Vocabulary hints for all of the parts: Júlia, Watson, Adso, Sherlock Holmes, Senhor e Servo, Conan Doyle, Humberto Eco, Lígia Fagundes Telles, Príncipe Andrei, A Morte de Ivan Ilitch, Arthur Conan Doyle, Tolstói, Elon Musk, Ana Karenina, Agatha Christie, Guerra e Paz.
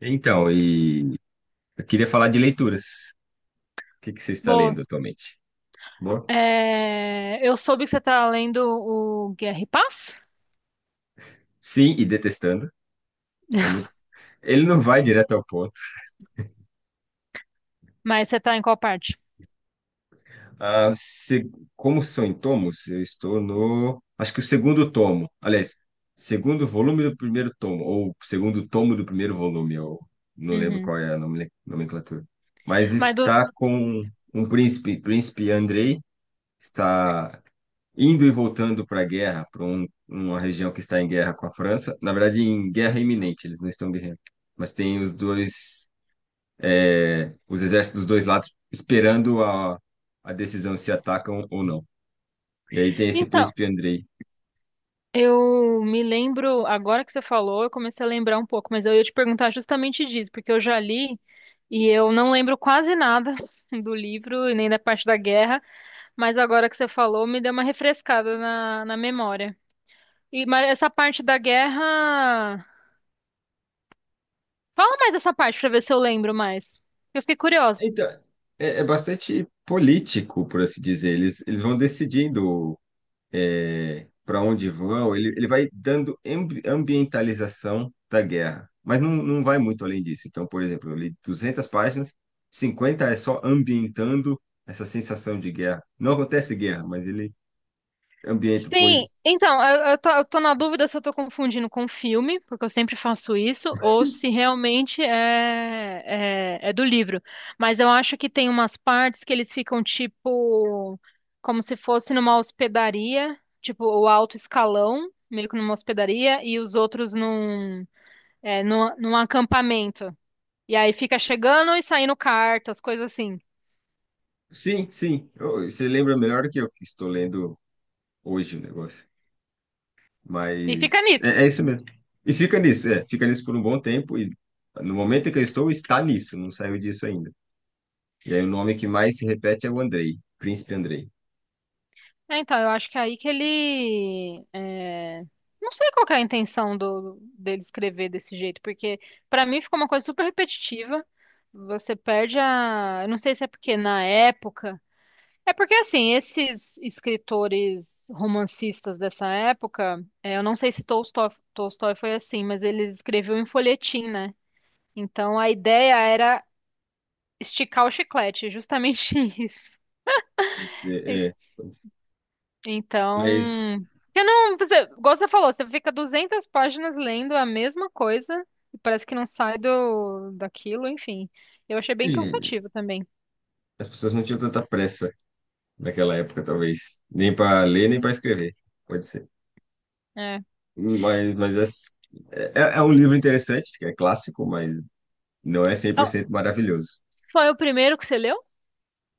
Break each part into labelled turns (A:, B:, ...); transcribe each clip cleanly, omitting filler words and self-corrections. A: Então, e eu queria falar de leituras. O que que você está
B: Boa.
A: lendo atualmente? Bom,
B: É, eu soube que você tá lendo o Guerra e Paz,
A: sim, e detestando. É muito. Ele não vai direto ao ponto.
B: mas você tá em qual parte?
A: Ah, se... Como são em tomos, eu estou no. Acho que o segundo tomo. Aliás, segundo volume do primeiro tomo, ou segundo tomo do primeiro volume, eu não lembro
B: Uhum.
A: qual é a nome- nomenclatura. Mas
B: Mas do-
A: está com um príncipe, príncipe Andrei, está indo e voltando para a guerra, para uma região que está em guerra com a França. Na verdade, em guerra iminente, eles não estão guerreando. Mas tem os dois, é, os exércitos dos dois lados esperando a decisão se atacam ou não. E aí tem esse
B: Então,
A: príncipe Andrei.
B: eu me lembro, agora que você falou, eu comecei a lembrar um pouco, mas eu ia te perguntar justamente disso, porque eu já li e eu não lembro quase nada do livro e nem da parte da guerra, mas agora que você falou, me deu uma refrescada na memória. E, mas essa parte da guerra. Fala mais dessa parte pra ver se eu lembro mais. Eu fiquei curiosa.
A: Então, é bastante político, por assim dizer. Eles vão decidindo para onde vão, ele vai dando ambi- ambientalização da guerra, mas não vai muito além disso. Então, por exemplo, eu li 200 páginas, 50 é só ambientando essa sensação de guerra. Não acontece guerra, mas ele ambienta, põe.
B: Sim, então, eu tô na dúvida se eu tô confundindo com filme, porque eu sempre faço isso, ou se realmente é do livro. Mas eu acho que tem umas partes que eles ficam tipo, como se fosse numa hospedaria, tipo o alto escalão, meio que numa hospedaria, e os outros num acampamento. E aí fica chegando e saindo cartas, coisas assim.
A: Sim, sim, eu- você lembra melhor do que eu que estou lendo hoje o negócio,
B: E fica
A: mas
B: nisso.
A: é isso mesmo. E fica nisso, é, fica nisso por um bom tempo e no momento em que eu estou, está nisso, não saiu disso ainda. E aí o nome que mais se repete é o Andrei, Príncipe Andrei.
B: É, então, eu acho que é aí que ele. Não sei qual que é a intenção dele escrever desse jeito, porque pra mim ficou uma coisa super repetitiva. Você perde a. Eu não sei se é porque na época. É porque, assim, esses escritores romancistas dessa época, eu não sei se Tolstói foi assim, mas ele escreveu em folhetim, né? Então a ideia era esticar o chiclete, justamente isso.
A: Pode ser, é. Pode ser.
B: Então,
A: Mas
B: eu não, você, igual você falou, você fica 200 páginas lendo a mesma coisa e parece que não sai do daquilo, enfim. Eu achei bem
A: eh,
B: cansativo também.
A: as pessoas não tinham tanta pressa naquela época, talvez. Nem para ler, nem para escrever. Pode ser.
B: É.
A: Mas é, é um livro interessante, que é clássico, mas não é cem por
B: Ah,
A: cento maravilhoso.
B: foi o primeiro que você leu?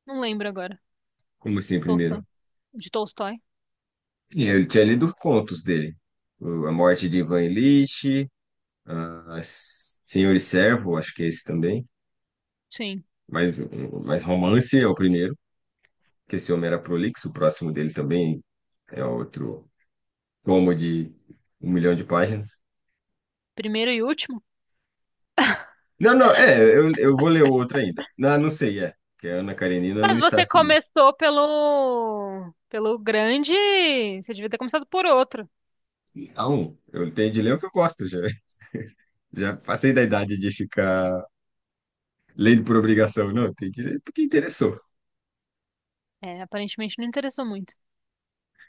B: Não lembro agora.
A: Como assim,
B: Tolstói.
A: primeiro?
B: De Tolstói?
A: Eu tinha lido contos dele. O- A Morte de Ivan Ilitch, a S- Senhor e Servo, acho que é esse também.
B: Sim.
A: Mas, um- mas Romance é o primeiro, que esse homem era prolixo, o próximo dele também é outro como de um milhão de páginas.
B: Primeiro e último.
A: Não, não, é, eu vou ler o outro ainda. Não, não sei, é. Porque a Ana Karenina não
B: Mas
A: está
B: você
A: assim. Né?
B: começou pelo grande, você devia ter começado por outro.
A: A um, eu tenho de ler o que eu gosto, já, já passei da idade de ficar lendo por obrigação. Não, eu tenho de ler porque interessou.
B: É, aparentemente não interessou muito.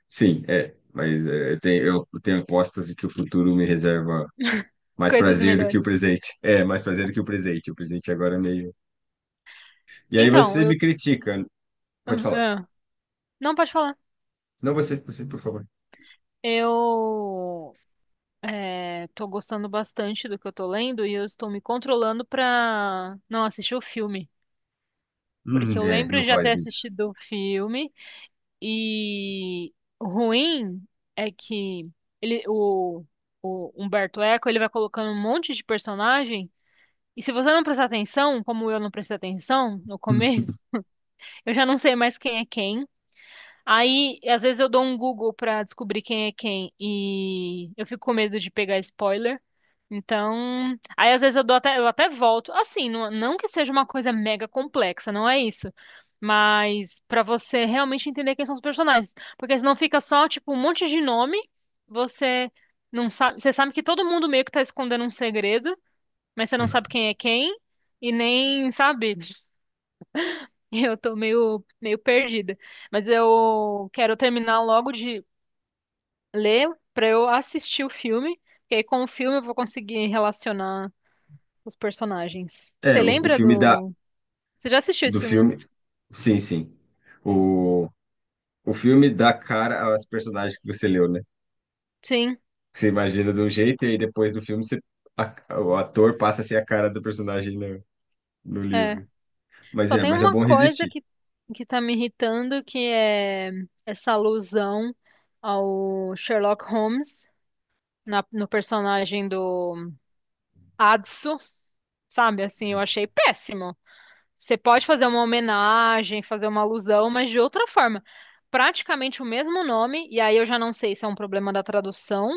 A: Sim, é, mas é, eu tenho apostas de que o futuro me reserva mais
B: Coisas
A: prazer do que o
B: melhores.
A: presente. É, mais prazer do que o presente. O presente agora é meio. E aí
B: Então,
A: você
B: eu
A: me critica. Pode
B: ah,
A: falar.
B: ah. não pode falar.
A: Não, você, por favor.
B: Eu tô gostando bastante do que eu tô lendo e eu estou me controlando pra não assistir o filme. Porque eu
A: É,
B: lembro
A: não
B: de já ter
A: faz isso.
B: assistido o filme e o ruim é que ele, o Humberto Eco ele vai colocando um monte de personagem e se você não prestar atenção, como eu não prestei atenção no começo, eu já não sei mais quem é quem. Aí, às vezes eu dou um Google pra descobrir quem é quem e eu fico com medo de pegar spoiler. Então, aí às vezes eu dou até, eu até volto. Assim, não, não que seja uma coisa mega complexa, não é isso. Mas pra você realmente entender quem são os personagens, porque senão fica só tipo um monte de nome, você não sabe, você sabe que todo mundo meio que tá escondendo um segredo, mas você não sabe quem é quem e nem sabe. Eu tô meio, meio perdida. Mas eu quero terminar logo de ler pra eu assistir o filme, porque aí com o filme eu vou conseguir relacionar os personagens.
A: É,
B: Você
A: o
B: lembra
A: filme dá
B: do. Você já assistiu esse
A: do
B: filme, né?
A: filme? Sim, sim. O, o filme dá cara aos personagens que você leu, né?
B: Sim,
A: Você imagina de um jeito e aí depois do filme você, a- o ator passa a ser a cara do personagem no
B: é.
A: livro.
B: Só tem
A: Mas é
B: uma
A: bom
B: coisa
A: resistir.
B: que tá me irritando, que é essa alusão ao Sherlock Holmes no personagem do Adso, sabe? Assim, eu achei péssimo. Você pode fazer uma homenagem, fazer uma alusão, mas de outra forma. Praticamente o mesmo nome, e aí eu já não sei se é um problema da tradução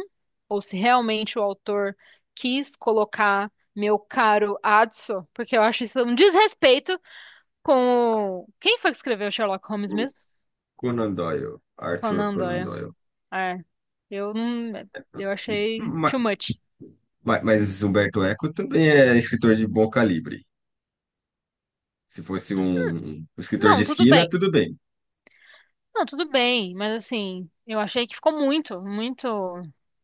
B: ou se realmente o autor quis colocar meu caro Adso, porque eu acho isso um desrespeito com o... Quem foi que escreveu Sherlock Holmes
A: O
B: mesmo?
A: Conan Doyle, Arthur
B: Conan
A: Conan
B: Doyle.
A: Doyle.
B: É, eu não... Eu achei
A: Ma-
B: too much.
A: Humberto Eco também é escritor de bom calibre. Se fosse um escritor de
B: Não, tudo
A: esquina,
B: bem.
A: tudo bem.
B: Não, tudo bem, mas assim, eu achei que ficou muito, muito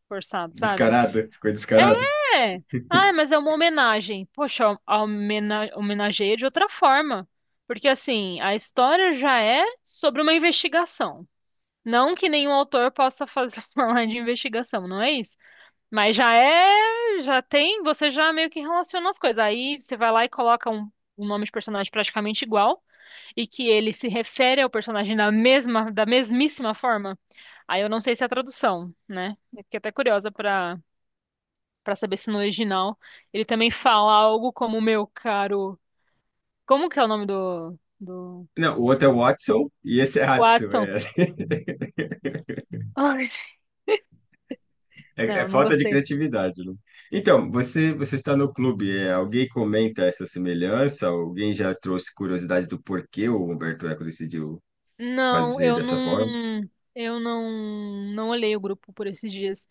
B: forçado, sabe?
A: Descarado, ficou descarado.
B: É! Ah, mas é uma homenagem. Poxa, a homenageia de outra forma. Porque, assim, a história já é sobre uma investigação. Não que nenhum autor possa fazer falar de investigação, não é isso? Mas já é, já tem, você já meio que relaciona as coisas. Aí você vai lá e coloca um, um nome de personagem praticamente igual e que ele se refere ao personagem da mesma, da mesmíssima forma. Aí eu não sei se é a tradução, né? Eu fiquei até curiosa para. Pra saber se no original ele também fala algo como meu caro. Como que é o nome do
A: Não, o outro é Watson e esse é Hudson.
B: Watson?
A: É.
B: Ai,
A: É, é
B: não, não
A: falta de
B: gostei.
A: criatividade, né? Então, você está no clube, é, alguém comenta essa semelhança? Alguém já trouxe curiosidade do porquê o Humberto Eco decidiu
B: Não,
A: fazer
B: eu
A: dessa forma?
B: não olhei o grupo por esses dias.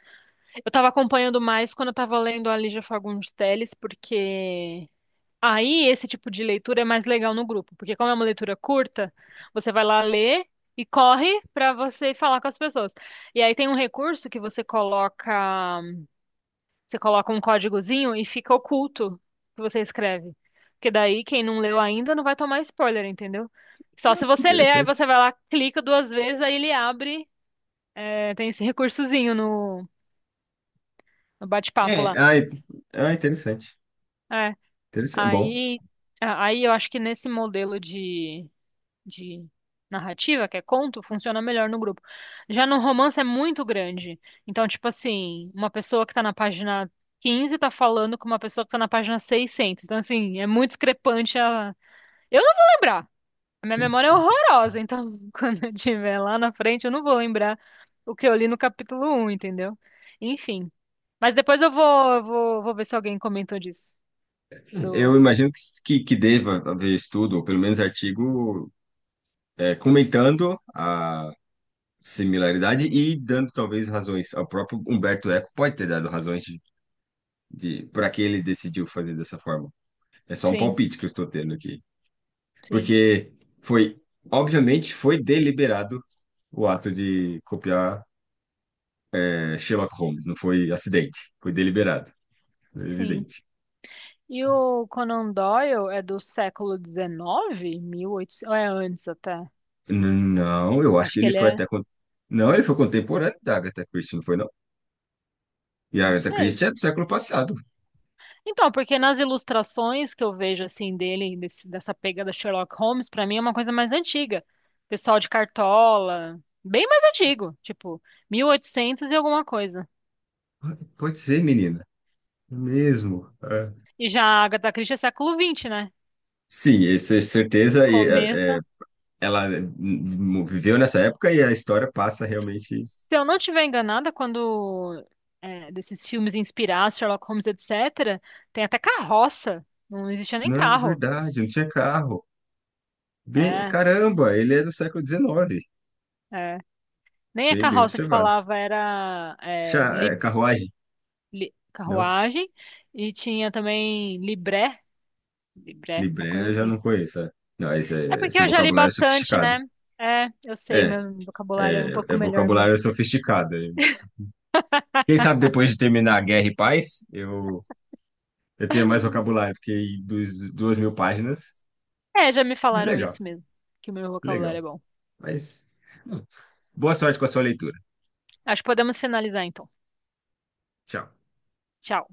B: Eu tava acompanhando mais quando eu tava lendo a Lígia Fagundes Telles, porque aí esse tipo de leitura é mais legal no grupo, porque como é uma leitura curta, você vai lá ler e corre pra você falar com as pessoas. E aí tem um recurso que você coloca um códigozinho e fica oculto o que você escreve. Porque daí quem não leu ainda não vai tomar spoiler, entendeu? Só se
A: Ah, que
B: você ler, aí
A: interessante.
B: você vai lá, clica duas vezes, aí ele abre. É, tem esse recursozinho no bate-papo lá.
A: É- ah, interessante.
B: É,
A: Interessante. Bom,
B: aí, aí eu acho que nesse modelo de narrativa, que é conto, funciona melhor no grupo. Já no romance é muito grande. Então, tipo assim, uma pessoa que tá na página 15 tá falando com uma pessoa que tá na página 600. Então, assim, é muito discrepante a... Eu não vou lembrar. A minha memória é horrorosa, então quando eu tiver lá na frente, eu não vou lembrar o que eu li no capítulo um, entendeu? Enfim. Mas depois eu vou ver se alguém comentou disso. Do...
A: eu imagino que deva haver estudo, ou pelo menos artigo, é, comentando a similaridade e dando talvez razões. O próprio Humberto Eco pode ter dado razões de para que ele decidiu fazer dessa forma. É só um
B: Sim,
A: palpite que eu estou tendo aqui.
B: sim,
A: Porque foi, obviamente, foi deliberado o ato de copiar é, Sherlock Holmes, não foi acidente, foi deliberado,
B: sim.
A: evidente.
B: E o Conan Doyle é do século XIX? 1800, ou é antes até.
A: N- Não, eu acho
B: Acho
A: que
B: que
A: ele
B: ele
A: foi até.
B: é,
A: Con- Não, ele foi contemporâneo da Agatha Christie, não foi, não? E a
B: não
A: Agatha
B: sei.
A: Christie é do século passado.
B: Então, porque nas ilustrações que eu vejo assim dele, dessa pegada Sherlock Holmes, pra mim é uma coisa mais antiga. Pessoal de cartola, bem mais antigo, tipo 1800 e oitocentos e alguma coisa.
A: Pode ser, menina. É mesmo. É.
B: E já a Agatha Christie é século XX, né?
A: Sim, isso é certeza. E, é, é,
B: Começa.
A: ela viveu nessa época e a história passa realmente.
B: Se eu não estiver enganada, desses filmes inspirados, Sherlock Holmes, etc., tem até carroça. Não existia nem
A: Não, é
B: carro.
A: verdade, não tinha carro. Bem,
B: É,
A: caramba, ele é do século XIX.
B: é. Nem a
A: Bem, bem
B: carroça que
A: observado.
B: falava era
A: Chá, é, carruagem? Não,
B: carruagem. E tinha também libré. Libré, uma coisa
A: libré eu já
B: assim.
A: não conheço. É. Não, esse,
B: É
A: é-
B: porque
A: esse
B: eu já li
A: vocabulário é
B: bastante,
A: sofisticado.
B: né? É, eu sei,
A: É,
B: meu vocabulário é um
A: é, é
B: pouco melhor mesmo.
A: vocabulário sofisticado. Quem sabe depois de terminar a Guerra e Paz, eu tenho mais vocabulário, porque dos, 2.000 páginas,
B: É, já me falaram
A: legal,
B: isso mesmo, que o meu vocabulário é
A: legal.
B: bom.
A: Mas, bom, boa sorte com a sua leitura.
B: Acho que podemos finalizar então.
A: Tchau.
B: Tchau.